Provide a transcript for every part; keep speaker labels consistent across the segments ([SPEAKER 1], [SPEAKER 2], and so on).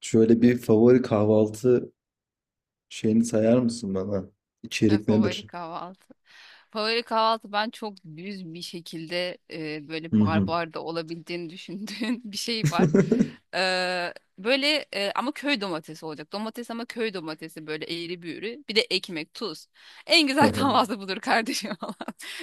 [SPEAKER 1] Şöyle bir favori kahvaltı şeyini sayar mısın bana? İçerik
[SPEAKER 2] Favori
[SPEAKER 1] nedir?
[SPEAKER 2] kahvaltı. Favori kahvaltı ben çok düz bir şekilde
[SPEAKER 1] Hı
[SPEAKER 2] böyle
[SPEAKER 1] hı.
[SPEAKER 2] barbar da olabildiğini düşündüğüm bir şey var. Böyle ama köy domatesi olacak. Domates ama köy domatesi böyle eğri büğrü. Bir de ekmek, tuz. En güzel kahvaltı budur kardeşim falan.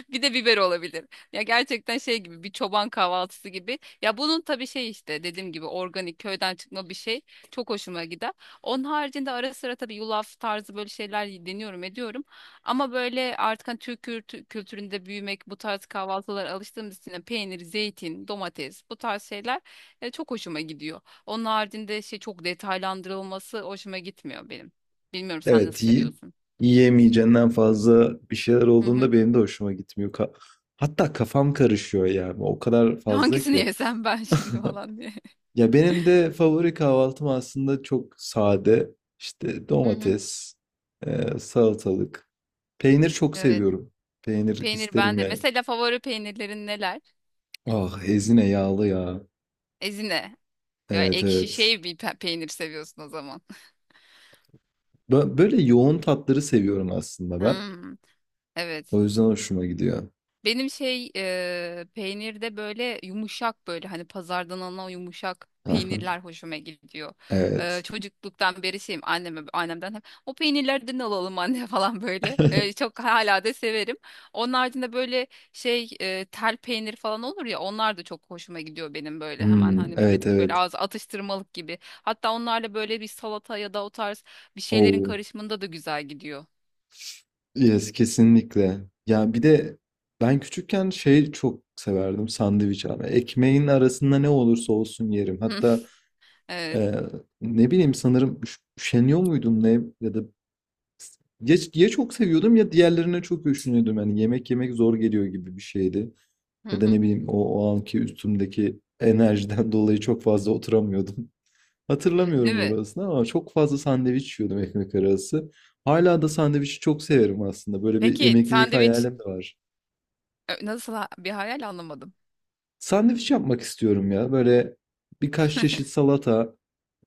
[SPEAKER 2] Bir de biber olabilir. Ya gerçekten şey gibi bir çoban kahvaltısı gibi. Ya bunun tabii şey işte dediğim gibi organik köyden çıkma bir şey. Çok hoşuma gider. Onun haricinde ara sıra tabii yulaf tarzı böyle şeyler deniyorum ediyorum. Ama böyle artık hani Türk kültüründe büyümek, bu tarz kahvaltılara alıştığımız için de peynir, zeytin, domates bu tarz şeyler çok hoşuma gidiyor. Onun haricinde şey çok detaylandırılması hoşuma gitmiyor benim. Bilmiyorum sen nasıl
[SPEAKER 1] Evet,
[SPEAKER 2] seviyorsun?
[SPEAKER 1] yiyemeyeceğinden fazla bir şeyler
[SPEAKER 2] Hı hı.
[SPEAKER 1] olduğunda benim de hoşuma gitmiyor. Hatta kafam karışıyor yani. O kadar fazla
[SPEAKER 2] Hangisini
[SPEAKER 1] ki.
[SPEAKER 2] yesem ben şimdi falan diye.
[SPEAKER 1] Ya benim de favori kahvaltım aslında çok sade. İşte
[SPEAKER 2] Hı hı.
[SPEAKER 1] domates, salatalık. Peynir çok
[SPEAKER 2] Evet.
[SPEAKER 1] seviyorum. Peynir
[SPEAKER 2] Peynir
[SPEAKER 1] isterim
[SPEAKER 2] bende.
[SPEAKER 1] yani.
[SPEAKER 2] Mesela favori peynirlerin neler?
[SPEAKER 1] Ah ezine yağlı ya.
[SPEAKER 2] Ezine. Ya
[SPEAKER 1] Evet
[SPEAKER 2] ekşi
[SPEAKER 1] evet.
[SPEAKER 2] şey bir peynir seviyorsun o zaman.
[SPEAKER 1] Böyle yoğun tatları seviyorum aslında ben.
[SPEAKER 2] Hmm, evet.
[SPEAKER 1] O yüzden hoşuma gidiyor.
[SPEAKER 2] Benim şey peynirde böyle yumuşak böyle hani pazardan alınan o yumuşak peynirler hoşuma gidiyor. E,
[SPEAKER 1] Evet.
[SPEAKER 2] çocukluktan beri şeyim anneme annemden hep o peynirlerden alalım anne falan böyle. E, çok hala da severim. Onun haricinde böyle şey tel peynir falan olur ya onlar da çok hoşuma gidiyor benim böyle hemen
[SPEAKER 1] Hmm,
[SPEAKER 2] hani
[SPEAKER 1] evet
[SPEAKER 2] pratik böyle
[SPEAKER 1] evet.
[SPEAKER 2] ağız atıştırmalık gibi. Hatta onlarla böyle bir salata ya da o tarz bir şeylerin
[SPEAKER 1] Oh,
[SPEAKER 2] karışımında da güzel gidiyor.
[SPEAKER 1] yes kesinlikle. Ya bir de ben küçükken şey çok severdim sandviç abi. Ekmeğin arasında ne olursa olsun yerim. Hatta
[SPEAKER 2] Evet.
[SPEAKER 1] e, ne bileyim sanırım üşeniyor muydum ne ya da ya çok seviyordum ya diğerlerine çok üşeniyordum. Yani yemek yemek zor geliyor gibi bir şeydi.
[SPEAKER 2] Hı
[SPEAKER 1] Ya da
[SPEAKER 2] hı.
[SPEAKER 1] ne bileyim o anki üstümdeki enerjiden dolayı çok fazla oturamıyordum.
[SPEAKER 2] Değil
[SPEAKER 1] Hatırlamıyorum
[SPEAKER 2] mi?
[SPEAKER 1] orasını ama çok fazla sandviç yiyordum ekmek arası. Hala da sandviçi çok severim aslında. Böyle bir
[SPEAKER 2] Peki
[SPEAKER 1] emeklilik
[SPEAKER 2] sandviç.
[SPEAKER 1] hayalim de var.
[SPEAKER 2] Bir hayal anlamadım.
[SPEAKER 1] Sandviç yapmak istiyorum ya. Böyle birkaç çeşit salata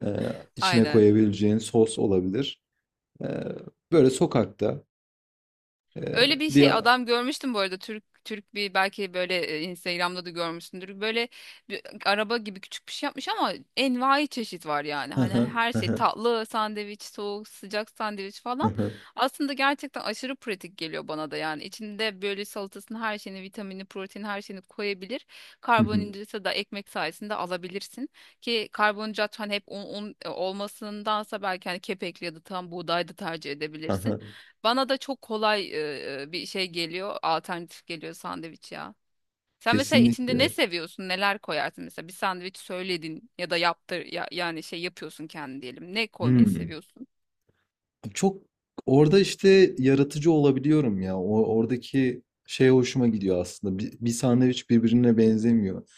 [SPEAKER 1] e, içine
[SPEAKER 2] Aynen.
[SPEAKER 1] koyabileceğin sos olabilir. E, Böyle sokakta
[SPEAKER 2] Öyle bir
[SPEAKER 1] bir...
[SPEAKER 2] şey adam görmüştüm bu arada Türk bir belki böyle Instagram'da da görmüşsündür. Böyle bir araba gibi küçük bir şey yapmış ama envai çeşit var yani. Hani her şey tatlı sandviç, soğuk, sıcak sandviç falan. Aslında gerçekten aşırı pratik geliyor bana da yani. İçinde böyle salatasını, her şeyini, vitamini, proteini her şeyini koyabilir. Karbonhidratı da ekmek sayesinde alabilirsin. Ki karbonhidrat hani hep un olmasındansa belki hani kepekli ya da tam buğday da tercih edebilirsin. Bana da çok kolay bir şey geliyor, alternatif geliyor sandviç ya. Sen mesela içinde ne
[SPEAKER 1] Kesinlikle.
[SPEAKER 2] seviyorsun, neler koyarsın mesela bir sandviç söyledin ya da yaptır ya, yani şey yapıyorsun kendi diyelim. Ne koymayı
[SPEAKER 1] Hmm.
[SPEAKER 2] seviyorsun?
[SPEAKER 1] Çok orada işte yaratıcı olabiliyorum ya. Oradaki şey hoşuma gidiyor aslında. Bir sandviç birbirine benzemiyor.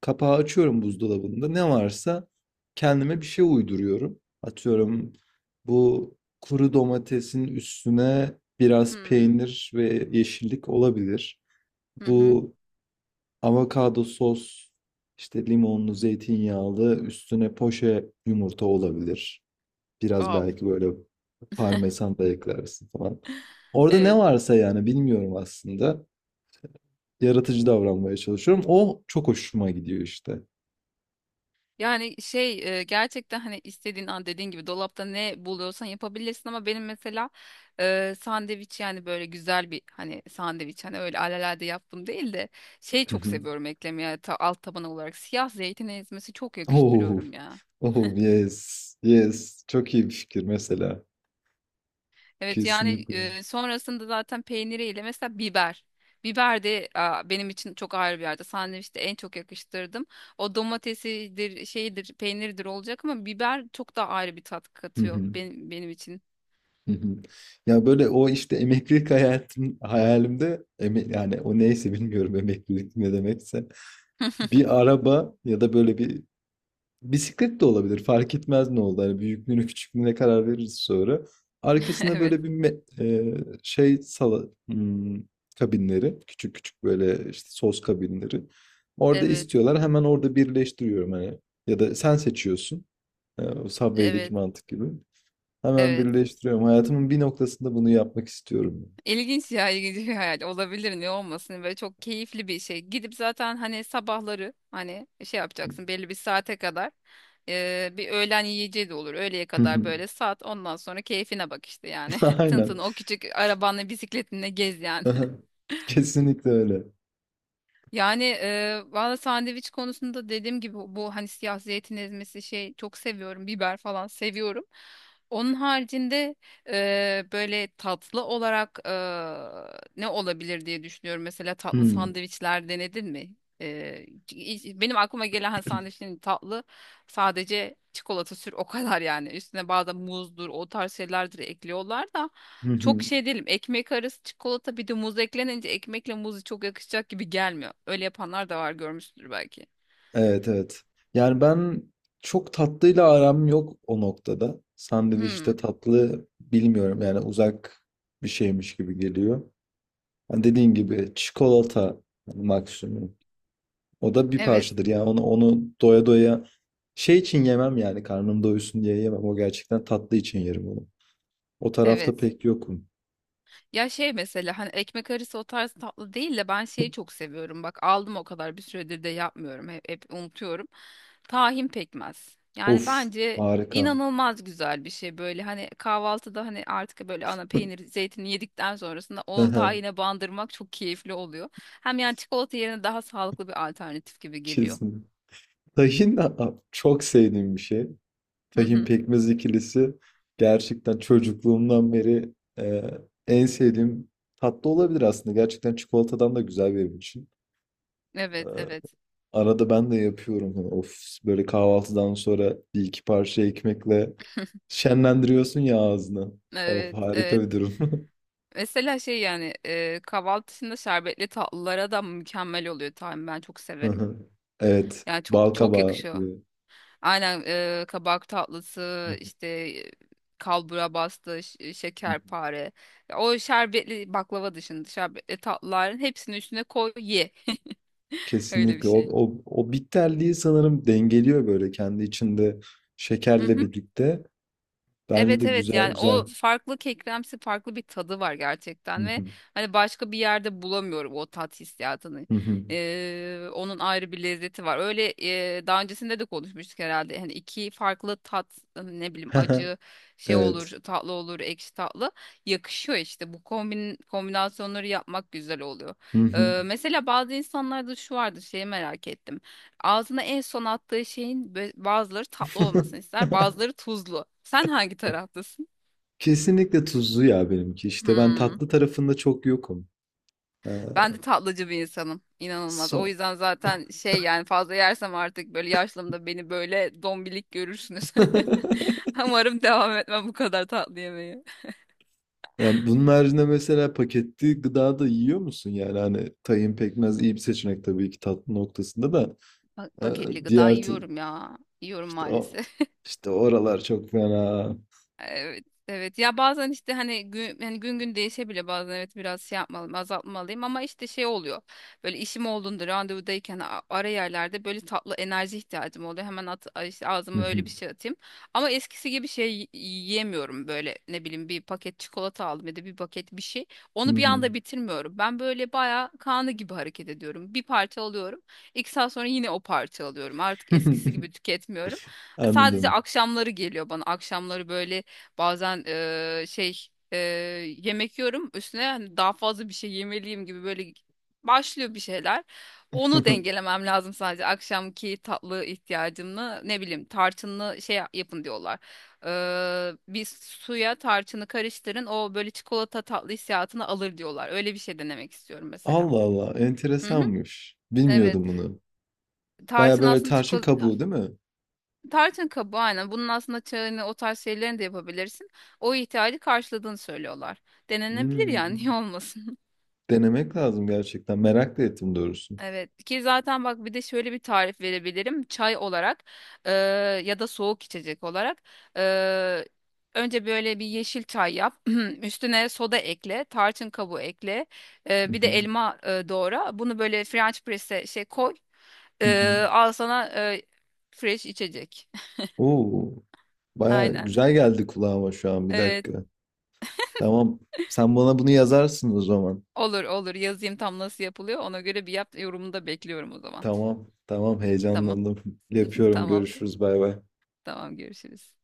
[SPEAKER 1] Kapağı açıyorum buzdolabında. Ne varsa kendime bir şey uyduruyorum. Atıyorum bu kuru domatesin üstüne biraz
[SPEAKER 2] Hmm.
[SPEAKER 1] peynir ve yeşillik olabilir.
[SPEAKER 2] Hı hı.
[SPEAKER 1] Bu avokado sos işte limonlu, zeytinyağlı üstüne poşe yumurta olabilir. Biraz
[SPEAKER 2] Wow.
[SPEAKER 1] belki böyle parmesan da eklersin falan. Orada ne
[SPEAKER 2] Evet.
[SPEAKER 1] varsa yani bilmiyorum aslında. Yaratıcı davranmaya çalışıyorum. O çok hoşuma gidiyor işte.
[SPEAKER 2] Yani şey gerçekten hani istediğin an dediğin gibi dolapta ne buluyorsan yapabilirsin ama benim mesela sandviç yani böyle güzel bir hani sandviç hani öyle alelade yaptım değil de şey
[SPEAKER 1] Hı
[SPEAKER 2] çok
[SPEAKER 1] hı.
[SPEAKER 2] seviyorum eklemeye alt taban olarak siyah zeytin ezmesi çok
[SPEAKER 1] Oh,
[SPEAKER 2] yakıştırıyorum ya.
[SPEAKER 1] oh yes, yes. Çok iyi bir fikir mesela.
[SPEAKER 2] Evet yani
[SPEAKER 1] Kesinlikle.
[SPEAKER 2] sonrasında zaten peyniriyle mesela biber. Biber de benim için çok ayrı bir yerde. Sandviçte en çok yakıştırdım. O domatesidir, şeydir, peyniridir olacak ama biber çok daha ayrı bir tat
[SPEAKER 1] Hı
[SPEAKER 2] katıyor
[SPEAKER 1] hı,
[SPEAKER 2] benim için.
[SPEAKER 1] hı hı. Ya böyle o işte emeklilik hayatım hayalimde yani o neyse bilmiyorum emeklilik ne demekse bir araba ya da böyle bir bisiklet de olabilir. Fark etmez ne oldu. Hani büyüklüğüne küçüklüğüne karar veririz sonra. Arkasına
[SPEAKER 2] Evet,
[SPEAKER 1] böyle bir şey hmm, kabinleri. Küçük küçük böyle işte sos kabinleri. Orada
[SPEAKER 2] evet,
[SPEAKER 1] istiyorlar. Hemen orada birleştiriyorum hani. Ya da sen seçiyorsun. E, o Subway'deki
[SPEAKER 2] evet,
[SPEAKER 1] mantık gibi. Hemen
[SPEAKER 2] evet.
[SPEAKER 1] birleştiriyorum. Hayatımın bir noktasında bunu yapmak istiyorum.
[SPEAKER 2] İlginç ya, ilginç bir hayal. Olabilir, ne olmasın. Böyle çok keyifli bir şey. Gidip zaten hani sabahları hani şey yapacaksın belli bir saate kadar. Bir öğlen yiyeceği de olur. Öğleye kadar böyle sat. Ondan sonra keyfine bak işte yani. Tın tın
[SPEAKER 1] Aynen.
[SPEAKER 2] o küçük arabanla bisikletinle gez yani.
[SPEAKER 1] Kesinlikle öyle.
[SPEAKER 2] Yani valla sandviç konusunda dediğim gibi bu hani siyah zeytin ezmesi şey çok seviyorum. Biber falan seviyorum. Onun haricinde böyle tatlı olarak ne olabilir diye düşünüyorum. Mesela tatlı sandviçler denedin mi? E, Benim aklıma gelen hani, sandviçlerin tatlı sadece çikolata sür o kadar yani. Üstüne bazen muzdur o tarz şeylerdir ekliyorlar da.
[SPEAKER 1] Hmm.
[SPEAKER 2] Çok şey değilim. Ekmek arası çikolata bir de muz eklenince ekmekle muzu çok yakışacak gibi gelmiyor. Öyle yapanlar da var görmüşsündür belki.
[SPEAKER 1] Evet evet. Yani ben çok tatlıyla aram yok o noktada. Sandviçte
[SPEAKER 2] Hmm,
[SPEAKER 1] tatlı bilmiyorum yani uzak bir şeymiş gibi geliyor. Hani dediğin gibi çikolata maksimum. O da bir
[SPEAKER 2] evet,
[SPEAKER 1] parçadır yani onu doya doya şey için yemem yani karnım doysun diye yemem. O gerçekten tatlı için yerim onu. O tarafta
[SPEAKER 2] evet.
[SPEAKER 1] pek yokum.
[SPEAKER 2] Ya şey mesela hani ekmek arası o tarz tatlı değil de ben şeyi çok seviyorum. Bak aldım o kadar bir süredir de yapmıyorum. Hep unutuyorum. Tahin pekmez. Yani
[SPEAKER 1] Of
[SPEAKER 2] bence
[SPEAKER 1] harika.
[SPEAKER 2] inanılmaz güzel bir şey böyle hani kahvaltıda hani artık böyle ana peynir zeytini yedikten sonrasında o tahine bandırmak çok keyifli oluyor. Hem yani çikolata yerine daha sağlıklı bir alternatif gibi geliyor.
[SPEAKER 1] Kesin. Tahin çok sevdiğim bir şey.
[SPEAKER 2] Hı
[SPEAKER 1] Tahin
[SPEAKER 2] hı.
[SPEAKER 1] pekmez ikilisi gerçekten çocukluğumdan beri e, en sevdiğim tatlı olabilir aslında. Gerçekten çikolatadan da güzel benim için. E,
[SPEAKER 2] Evet, evet.
[SPEAKER 1] arada ben de yapıyorum. Hani of böyle kahvaltıdan sonra bir iki parça ekmekle şenlendiriyorsun ya ağzını. Of
[SPEAKER 2] Evet,
[SPEAKER 1] harika
[SPEAKER 2] evet.
[SPEAKER 1] bir durum.
[SPEAKER 2] Mesela şey yani kahvaltı dışında şerbetli tatlılara da mükemmel oluyor tahin. Ben çok
[SPEAKER 1] Hı
[SPEAKER 2] severim.
[SPEAKER 1] hı. Evet.
[SPEAKER 2] Yani çok çok
[SPEAKER 1] Balkabağı.
[SPEAKER 2] yakışıyor. Aynen kabak tatlısı işte kalbura bastı, şekerpare. Ya o şerbetli baklava dışında şerbetli tatlıların hepsini üstüne koy ye. Öyle bir
[SPEAKER 1] Kesinlikle.
[SPEAKER 2] şey.
[SPEAKER 1] O bitterliği sanırım dengeliyor böyle kendi içinde şekerle birlikte. Bence
[SPEAKER 2] Evet,
[SPEAKER 1] de
[SPEAKER 2] evet
[SPEAKER 1] güzel
[SPEAKER 2] yani
[SPEAKER 1] güzel.
[SPEAKER 2] o farklı kekremsi farklı bir tadı var
[SPEAKER 1] Hı
[SPEAKER 2] gerçekten ve
[SPEAKER 1] hı.
[SPEAKER 2] hani başka bir yerde bulamıyorum o tat hissiyatını.
[SPEAKER 1] Hı hı.
[SPEAKER 2] Onun ayrı bir lezzeti var. Öyle daha öncesinde de konuşmuştuk herhalde. Hani iki farklı tat hani ne bileyim acı şey olur,
[SPEAKER 1] Evet.
[SPEAKER 2] tatlı olur, ekşi tatlı yakışıyor işte. Bu kombinasyonları yapmak güzel oluyor.
[SPEAKER 1] Hı hı.
[SPEAKER 2] Mesela bazı insanlarda şu vardı şeyi merak ettim. Ağzına en son attığı şeyin bazıları tatlı olmasını ister, bazıları tuzlu. Sen hangi taraftasın?
[SPEAKER 1] Kesinlikle tuzlu ya benimki. İşte ben
[SPEAKER 2] Hmm.
[SPEAKER 1] tatlı tarafında çok yokum. Ee,
[SPEAKER 2] Ben de tatlıcı bir insanım. İnanılmaz. O
[SPEAKER 1] son.
[SPEAKER 2] yüzden zaten şey yani fazla yersem artık böyle yaşlımda beni böyle dombilik görürsünüz. Umarım devam etmem bu kadar tatlı yemeği.
[SPEAKER 1] Yani bunun haricinde mesela paketli gıda da yiyor musun? Yani hani tahin pekmez iyi bir seçenek tabii ki tatlı noktasında da ee,
[SPEAKER 2] Paketli gıda
[SPEAKER 1] diğer t-
[SPEAKER 2] yiyorum ya. Yiyorum
[SPEAKER 1] işte o
[SPEAKER 2] maalesef.
[SPEAKER 1] işte oralar çok fena.
[SPEAKER 2] Evet, evet. Ya bazen işte hani gün, yani gün gün değişebilir bazen evet biraz şey yapmalıyım, azaltmalıyım ama işte şey oluyor. Böyle işim olduğunda randevudayken ara yerlerde böyle tatlı enerji ihtiyacım oluyor. Hemen işte
[SPEAKER 1] Hı
[SPEAKER 2] ağzıma öyle
[SPEAKER 1] hı.
[SPEAKER 2] bir şey atayım. Ama eskisi gibi şey yiyemiyorum böyle ne bileyim bir paket çikolata aldım ya da bir paket bir şey.
[SPEAKER 1] Hı
[SPEAKER 2] Onu bir
[SPEAKER 1] hı.
[SPEAKER 2] anda bitirmiyorum. Ben böyle bayağı kanı gibi hareket ediyorum. Bir parça alıyorum. İki saat sonra yine o parça alıyorum. Artık eskisi gibi tüketmiyorum. Sadece
[SPEAKER 1] Anladım.
[SPEAKER 2] akşamları geliyor bana. Akşamları böyle bazen şey eee, yemek yiyorum üstüne hani daha fazla bir şey yemeliyim gibi böyle başlıyor bir şeyler. Onu dengelemem lazım sadece akşamki tatlı ihtiyacımla ne bileyim tarçınlı şey yapın diyorlar. Bir suya tarçını karıştırın o böyle çikolata tatlı hissiyatını alır diyorlar. Öyle bir şey denemek istiyorum mesela.
[SPEAKER 1] Allah Allah
[SPEAKER 2] Hı hı,
[SPEAKER 1] enteresanmış.
[SPEAKER 2] evet.
[SPEAKER 1] Bilmiyordum bunu. Baya
[SPEAKER 2] Tarçın
[SPEAKER 1] böyle
[SPEAKER 2] aslında
[SPEAKER 1] tarçın
[SPEAKER 2] çikolata.
[SPEAKER 1] kabuğu değil mi?
[SPEAKER 2] Tarçın kabuğu aynen. Bunun aslında çayını o tarz şeylerini de yapabilirsin. O ihtiyacı karşıladığını söylüyorlar. Denenebilir yani niye
[SPEAKER 1] Hmm.
[SPEAKER 2] olmasın?
[SPEAKER 1] Denemek lazım gerçekten. Merak da ettim doğrusu.
[SPEAKER 2] Evet ki zaten bak bir de şöyle bir tarif verebilirim. Çay olarak e, ya da soğuk içecek olarak e, önce böyle bir yeşil çay yap. Üstüne soda ekle, tarçın kabuğu ekle.
[SPEAKER 1] Hı
[SPEAKER 2] Bir de
[SPEAKER 1] hı.
[SPEAKER 2] elma doğra. Bunu böyle French press'e şey koy.
[SPEAKER 1] Hı hı.
[SPEAKER 2] Al sana fresh içecek.
[SPEAKER 1] Oo, baya
[SPEAKER 2] Aynen.
[SPEAKER 1] güzel geldi kulağıma şu an. Bir
[SPEAKER 2] E,
[SPEAKER 1] dakika. Tamam. Sen bana bunu yazarsın o zaman.
[SPEAKER 2] Olur olur yazayım tam nasıl yapılıyor. Ona göre bir yap yorumunu da bekliyorum o zaman.
[SPEAKER 1] Tamam. Tamam
[SPEAKER 2] Tamam.
[SPEAKER 1] heyecanlandım. Yapıyorum.
[SPEAKER 2] Tamamdır.
[SPEAKER 1] Görüşürüz. Bay bay.
[SPEAKER 2] Tamam görüşürüz.